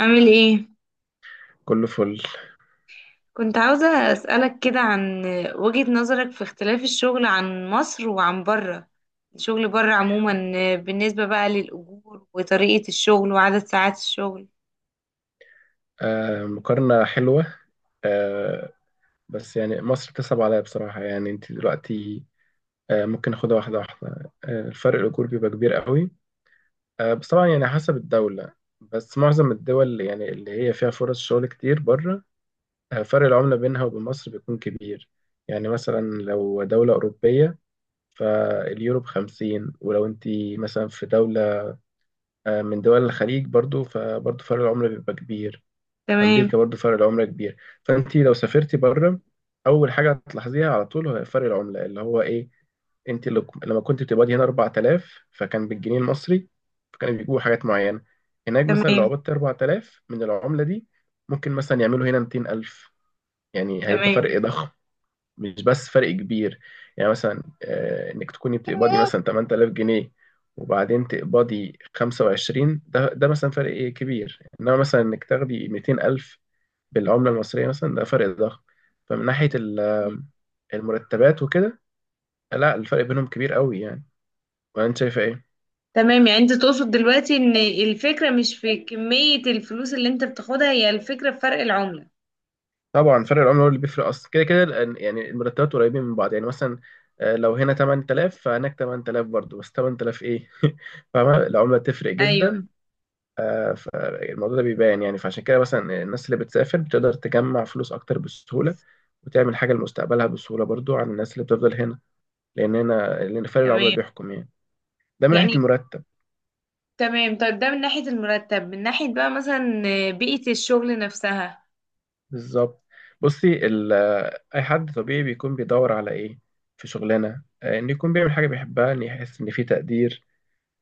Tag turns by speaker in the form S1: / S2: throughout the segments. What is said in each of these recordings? S1: عامل ايه؟
S2: كله فل.
S1: كنت عاوزة أسألك كده عن وجهة نظرك في اختلاف الشغل عن مصر وعن بره. الشغل بره عموما، بالنسبة بقى للأجور وطريقة الشغل وعدد ساعات الشغل.
S2: مقارنة حلوة. آه بس يعني مصر بتصعب عليا بصراحة. يعني انت دلوقتي ممكن ناخدها واحدة واحدة. الفرق، الأجور بيبقى كبير قوي. بس طبعا يعني حسب الدولة. بس معظم الدول اللي اللي هي فيها فرص شغل كتير بره، فرق العملة بينها وبين مصر بيكون كبير. يعني مثلا لو دولة أوروبية، فاليورو بخمسين. ولو انت مثلا في دولة، من دول الخليج، برضو فرق العملة بيبقى كبير.
S1: تمام.
S2: امريكا برضو فرق العمله كبير. فانت لو سافرتي بره، اول حاجه هتلاحظيها على طول هو فرق العمله اللي هو ايه. انت لما كنت بتقبضي هنا 4000 فكان بالجنيه المصري، فكانوا بيجيبوا حاجات معينه. هناك مثلا لو
S1: تمام.
S2: قبضت 4000 من العمله دي، ممكن مثلا يعملوا هنا 200000. يعني هيبقى فرق
S1: تمام.
S2: ضخم، مش بس فرق كبير. يعني مثلا انك تكوني بتقبضي مثلا 8000 جنيه، وبعدين تقبضي 25، ده مثلا فرق إيه كبير. انما مثلا انك تاخدي 200000 بالعملة المصرية مثلا، ده فرق ضخم. فمن ناحية المرتبات وكده، لا الفرق بينهم كبير قوي يعني. ولا انت شايفة ايه؟
S1: تمام. يعني انت تقصد دلوقتي ان الفكرة مش في كمية الفلوس اللي انت بتاخدها، هي الفكرة في فرق العملة.
S2: طبعا فرق العملة هو اللي بيفرق اصلا كده كده يعني المرتبات قريبين من بعض. يعني مثلا لو هنا 8000 فهناك 8000 برضه، بس 8000 ايه فاهمة؟ العملة تفرق جدا.
S1: ايوه.
S2: فالموضوع ده بيبان يعني. فعشان كده مثلا الناس اللي بتسافر بتقدر تجمع فلوس اكتر بسهولة، وتعمل حاجة لمستقبلها بسهولة برضو عن الناس اللي بتفضل هنا. لأن هنا، لأن فرق العملة
S1: تمام،
S2: بيحكم يعني. ده من ناحية
S1: يعني
S2: المرتب.
S1: تمام. طيب ده من ناحية المرتب، من ناحية بقى مثلا بيئة الشغل نفسها.
S2: بالظبط. بصي ال- اي حد طبيعي بيكون بيدور على ايه في شغلانه؟ ان يكون بيعمل حاجه بيحبها، ان يحس ان في تقدير،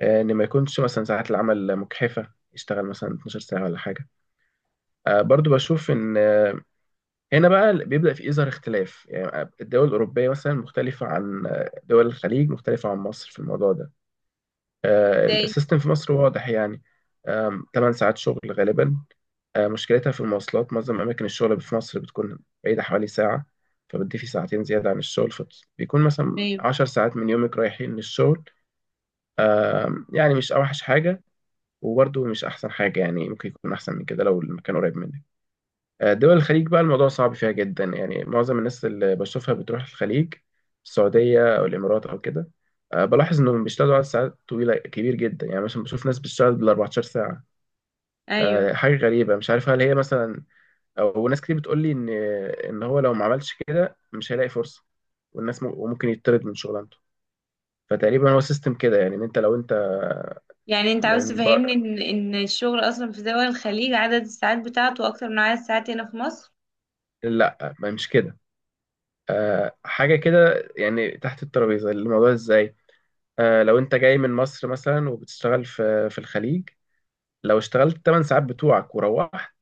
S2: ان ما يكونش مثلا ساعات العمل مجحفه، يشتغل مثلا 12 ساعه ولا حاجه. برضو بشوف ان هنا بقى بيبدا في يظهر اختلاف. يعني الدول الاوروبيه مثلا مختلفه عن دول الخليج، مختلفه عن مصر في الموضوع ده.
S1: ازاي؟
S2: السيستم في مصر واضح يعني. 8 ساعات شغل غالبا. مشكلتها في المواصلات. معظم أماكن الشغل في مصر بتكون بعيدة حوالي ساعة، فبتضيفي ساعتين زيادة عن الشغل، فبيكون مثلا 10 ساعات من يومك رايحين للشغل. يعني مش أوحش حاجة، وبرضه مش أحسن حاجة يعني. ممكن يكون أحسن من كده لو المكان قريب منك. دول الخليج بقى الموضوع صعب فيها جدا. يعني معظم الناس اللي بشوفها بتروح الخليج، السعودية أو الإمارات أو كده، بلاحظ إنهم بيشتغلوا على ساعات طويلة كبير جدا. يعني مثلا بشوف ناس بتشتغل بال 14 ساعة.
S1: ايوه.
S2: حاجة غريبة مش عارف هل هي مثلا. وناس كتير بتقول لي ان، ان هو لو ما عملش كده مش هيلاقي فرصه. وممكن يطرد من شغلانته. فتقريبا هو سيستم كده، يعني ان انت لو انت
S1: يعني انت عاوز
S2: من بر...
S1: تفهمني ان الشغل اصلا في دول الخليج عدد الساعات بتاعته اكتر من عدد الساعات هنا في مصر.
S2: لا، ما مش كده. أه حاجه كده، يعني تحت الترابيزه الموضوع ازاي. أه لو انت جاي من مصر مثلا وبتشتغل في الخليج، لو اشتغلت 8 ساعات بتوعك وروحت،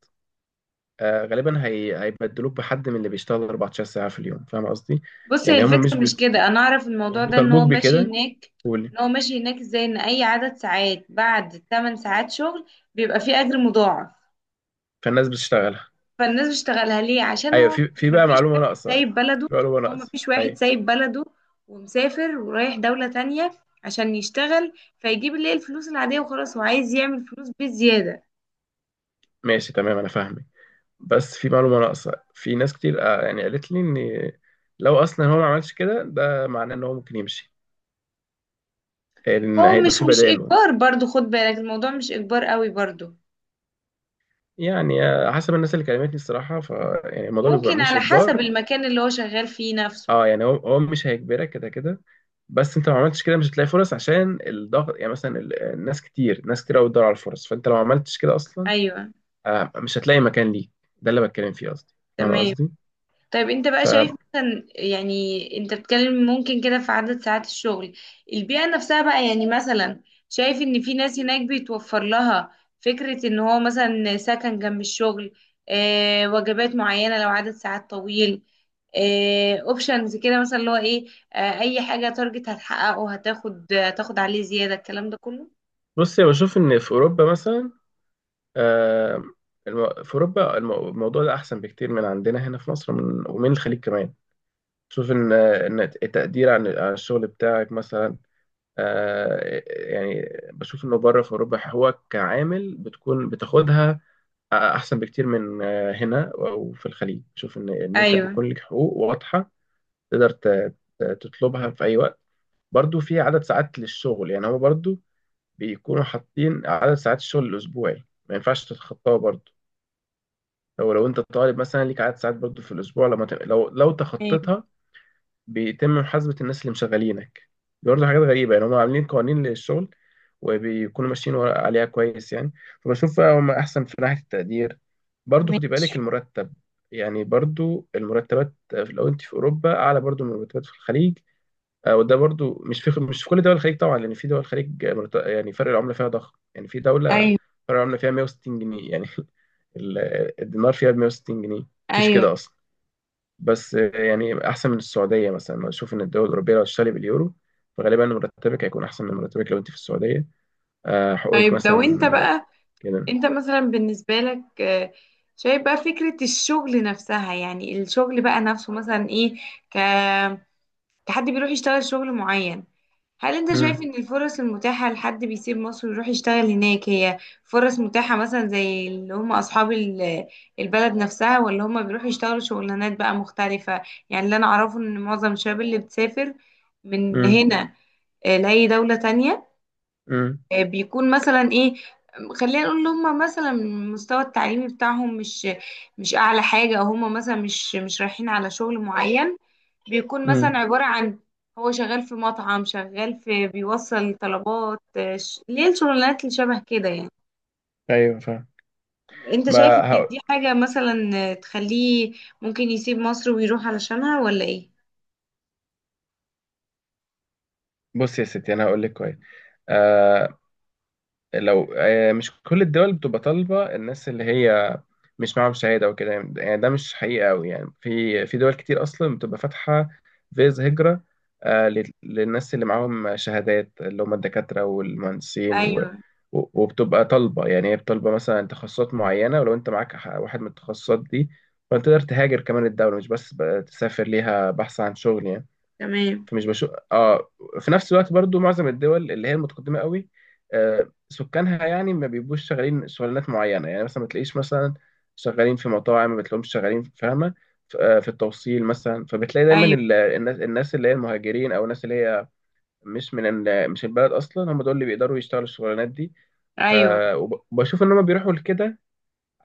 S2: أه غالبا هيبدلوك بحد من اللي بيشتغل 14 ساعه في اليوم. فاهم قصدي؟
S1: بص، هي
S2: يعني هم
S1: الفكره مش كده، انا اعرف
S2: مش
S1: الموضوع ده ان هو
S2: بيطالبوك
S1: ماشي
S2: بكده.
S1: هناك.
S2: قولي.
S1: ان هو ماشي هناك ازاي، ان اي عدد ساعات بعد 8 ساعات شغل بيبقى فيه اجر مضاعف.
S2: فالناس بتشتغل.
S1: فالناس بتشتغلها ليه؟ عشان
S2: ايوه،
S1: هو
S2: في بقى
S1: مفيش
S2: معلومه
S1: واحد
S2: ناقصه.
S1: سايب بلده.
S2: في معلومه
S1: هو
S2: ناقصه
S1: مفيش واحد
S2: ايوه.
S1: سايب بلده ومسافر ورايح دوله تانية عشان يشتغل، فيجيب اللي هي الفلوس العاديه، وخلاص هو عايز يعمل فلوس بالزياده.
S2: ماشي تمام، انا فاهمك. بس في معلومه ناقصه. في ناس كتير يعني قالت لي ان، لو اصلا هو ما عملش كده، ده معناه ان هو ممكن يمشي، ان
S1: هو
S2: هيبقى
S1: مش
S2: في
S1: مش
S2: بداله.
S1: اجبار برضو، خد بالك الموضوع مش اجبار قوي برضو.
S2: يعني حسب الناس اللي كلمتني الصراحه، ف يعني الموضوع بيبقى
S1: ممكن
S2: مش
S1: على حسب
S2: اجبار.
S1: المكان اللي هو شغال فيه نفسه.
S2: اه يعني هو مش هيجبرك كده كده، بس انت لو ما عملتش كده مش هتلاقي فرص، عشان الضغط. يعني مثلا ال- الناس كتير ناس كتير قوي بتدور على الفرص، فانت لو ما عملتش كده اصلا
S1: ايوه.
S2: مش هتلاقي مكان ليك. ده اللي بتكلم فيه قصدي. فاهم
S1: تمام.
S2: قصدي؟
S1: طيب انت بقى شايف مثلا، يعني انت بتتكلم ممكن كده في عدد ساعات الشغل. البيئة نفسها بقى يعني مثلا، شايف ان في ناس هناك بيتوفر لها فكرة ان هو مثلا سكن جنب الشغل، وجبات معينة لو عدد ساعات طويل، اوبشنز كده مثلا اللي هو ايه. اي حاجة تارجت هتحققه، هتاخد عليه زيادة، الكلام ده كله.
S2: بص أنا بشوف إن في أوروبا مثلا، آه، في أوروبا الموضوع ده أحسن بكتير من عندنا هنا في مصر ومن الخليج كمان. شوف إن إن التقدير عن الشغل بتاعك مثلا آه، يعني، بشوف إنه بره في أوروبا هو كعامل بتكون بتاخدها أحسن بكتير من هنا أو في الخليج. بشوف إن أنت
S1: ايوه.
S2: بيكون لك حقوق واضحة، تقدر تطلبها في أي وقت. برضو في عدد ساعات للشغل. يعني هو برضو بيكونوا حاطين عدد ساعات الشغل الاسبوعي، ما ينفعش تتخطاها. برضو لو انت طالب مثلا ليك عدد ساعات برضو في الاسبوع، لما ت... لو لو
S1: ايوه.
S2: تخطيتها، بيتم محاسبه الناس اللي مشغلينك. دي برضو حاجات غريبه يعني، هم عاملين قوانين للشغل، وبيكونوا ماشيين عليها كويس يعني. فبشوف هم احسن في ناحيه التقدير. برضو خدي
S1: ماشي.
S2: بالك المرتب. يعني برضو المرتبات لو انت في اوروبا اعلى برضو من المرتبات في الخليج. وده برضو مش في كل دول الخليج طبعا. لان في دول الخليج يعني فرق العمله فيها ضخم. يعني في دوله
S1: ايوه.
S2: فرق العمله فيها 160 جنيه يعني ال- الدينار فيها ب 160 جنيه، مفيش
S1: ايوه.
S2: كده اصلا. بس يعني احسن من السعوديه مثلا. انا اشوف ان الدول الاوروبيه، لو هتشتري باليورو، فغالبا مرتبك هيكون احسن من مرتبك لو انت في السعوديه. حقوقك
S1: طيب لو
S2: مثلا
S1: انت بقى،
S2: كده.
S1: انت مثلا بالنسبة لك، شايف بقى فكرة الشغل نفسها، يعني الشغل بقى نفسه مثلا ايه. ك... كحد بيروح يشتغل شغل معين، هل انت شايف
S2: امم
S1: ان الفرص المتاحة لحد بيسيب مصر ويروح يشتغل هناك هي فرص متاحة مثلا زي اللي هم اصحاب البلد نفسها، ولا هم بيروحوا يشتغلوا شغلانات بقى مختلفة؟ يعني اللي انا اعرفه ان معظم الشباب اللي بتسافر من
S2: امم
S1: هنا لأي دولة تانية،
S2: امم
S1: بيكون مثلا ايه، خلينا نقول ان هم مثلا المستوى التعليمي بتاعهم مش اعلى حاجه، او هم مثلا مش رايحين على شغل معين، بيكون مثلا
S2: امم
S1: عباره عن هو شغال في مطعم، شغال في بيوصل طلبات، ليه الشغلانات اللي شبه كده يعني.
S2: ايوه فاهم.
S1: انت شايف
S2: ما
S1: ان
S2: هقول.
S1: دي حاجه مثلا، تخليه ممكن يسيب مصر ويروح علشانها ولا ايه؟
S2: بص يا ستي انا هقول لك كويس. لو مش كل الدول بتبقى طالبة الناس اللي هي مش معاهم شهادة وكده. يعني ده مش حقيقة أوي. يعني في دول كتير أصلا بتبقى فاتحة فيز هجرة للناس اللي معاهم شهادات، اللي هم الدكاترة والمهندسين و،
S1: ايوه.
S2: وبتبقى طالبة. يعني هي بتطلبة مثلا تخصصات معينة، ولو أنت معاك واحد من التخصصات دي، فأنت تقدر تهاجر كمان الدولة، مش بس بقى تسافر ليها بحث عن شغل يعني.
S1: تمام.
S2: فمش بشوف اه. في نفس الوقت برضو معظم الدول اللي هي المتقدمه قوي، سكانها يعني ما بيبقوش شغالين شغلانات معينه. يعني مثلا ما تلاقيش مثلا شغالين في مطاعم، ما بتلاقيهمش شغالين. فاهمه؟ في التوصيل مثلا، فبتلاقي دايما
S1: ايوه.
S2: الناس اللي هي المهاجرين، او الناس اللي هي مش من مش البلد اصلا، هم دول اللي بيقدروا يشتغلوا الشغلانات دي.
S1: ايوه.
S2: آه وبشوف ان هم بيروحوا لكده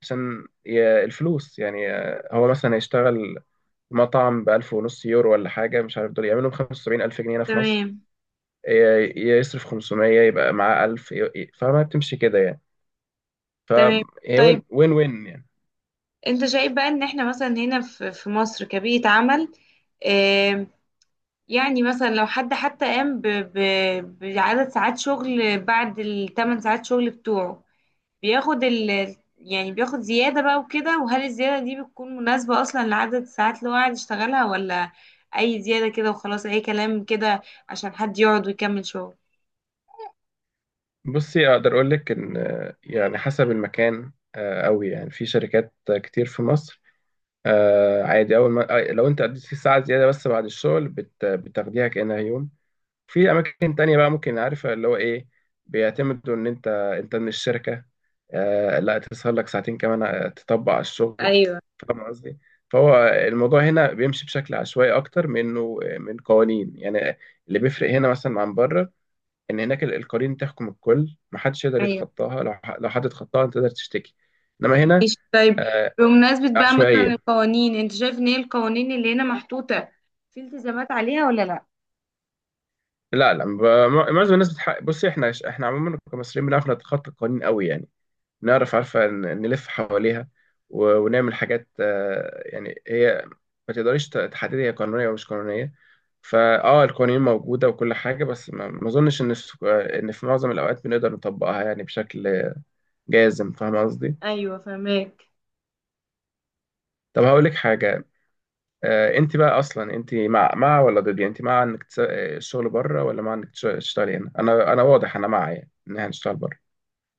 S2: عشان الفلوس يعني. هو مثلا يشتغل مطعم بألف ونص يورو ولا حاجة، مش عارف، دول يعملهم 75 ألف جنيه هنا في مصر،
S1: تمام.
S2: يصرف 500 يبقى معاه 1000 فما بتمشي كده يعني.
S1: تمام.
S2: فهي
S1: طيب
S2: وين وين وين يعني.
S1: انت شايف بقى ان احنا مثلا هنا في مصر كبيئة عمل، آم، يعني مثلا لو حد حتى قام بعدد ساعات شغل بعد الثمان ساعات شغل بتوعه، بياخد ال يعني بياخد زيادة بقى وكده، وهل الزيادة دي بتكون مناسبة أصلا لعدد الساعات اللي هو قاعد يشتغلها، ولا أي زيادة كده وخلاص، أي كلام كده عشان حد يقعد ويكمل شغل؟
S2: بصي اقدر اقول لك ان يعني حسب المكان قوي. يعني في شركات كتير في مصر عادي اول ما لو انت قضيت فيه ساعه زياده بس بعد الشغل، بتاخديها كانها يوم. في اماكن تانية بقى ممكن، عارفة اللي هو ايه، بيعتمدوا ان انت، انت من الشركة آه لا تسهر لك ساعتين كمان تطبق على الشغل.
S1: ايوه.
S2: فاهم قصدي؟ فهو الموضوع هنا بيمشي بشكل عشوائي اكتر منه من قوانين يعني. اللي بيفرق هنا مثلا عن بره، ان هناك القوانين تحكم الكل، محدش يقدر
S1: ايوه.
S2: يتخطاها. لو لو حد اتخطاها انت تقدر تشتكي. انما هنا
S1: ماشي. طيب بمناسبة بقى مثلا
S2: عشوائية.
S1: القوانين، انت شايف ان هي القوانين اللي هنا محطوطة في التزامات عليها ولا لا؟
S2: لا لا معظم الناس بتحق. بص احنا عموما كمصريين بنعرف نتخطى القوانين قوي يعني. نعرف، عارفة، نلف حواليها، ونعمل حاجات يعني هي ما تقدريش تحددي هي قانونية أو مش قانونية. فاه القوانين موجودة وكل حاجة، بس ما أظنش إن إن في معظم الأوقات بنقدر نطبقها يعني بشكل جازم. فاهم قصدي؟
S1: ايوه فهماك.
S2: طب هقول لك حاجة، أنت بقى أصلا أنت مع ولا ضد؟ يعني أنت مع إنك الشغل بره، ولا مع إنك تشتغلي هنا؟ أنا واضح، أنا مع، يعني إن إحنا نشتغل بره.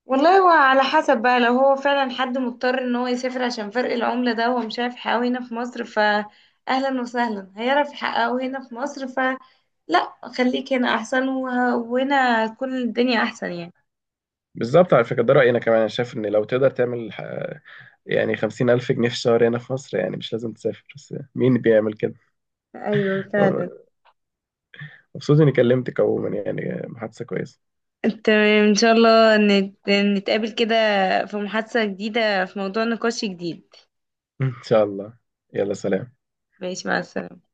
S1: والله هو على حسب بقى، لو هو فعلا حد مضطر ان هو يسافر عشان فرق العملة ده هو مش عارف يحققه هنا في مصر فأهلا وسهلا، هيعرف يحققه هنا في مصر فلا، خليك هنا احسن، وهنا تكون الدنيا احسن يعني.
S2: بالظبط، على فكرة ده رأيي أنا كمان. أنا شايف إن لو تقدر تعمل يعني 50000 جنيه في الشهر هنا في مصر، يعني مش لازم تسافر. بس مين بيعمل كده؟
S1: ايوه فعلا.
S2: مبسوط إني كلمتك عموما، يعني محادثة كويسة.
S1: تمام ان شاء الله، نتقابل كده في محادثة جديدة، في موضوع نقاش جديد.
S2: إن شاء الله. يلا سلام.
S1: ماشي، مع السلامة.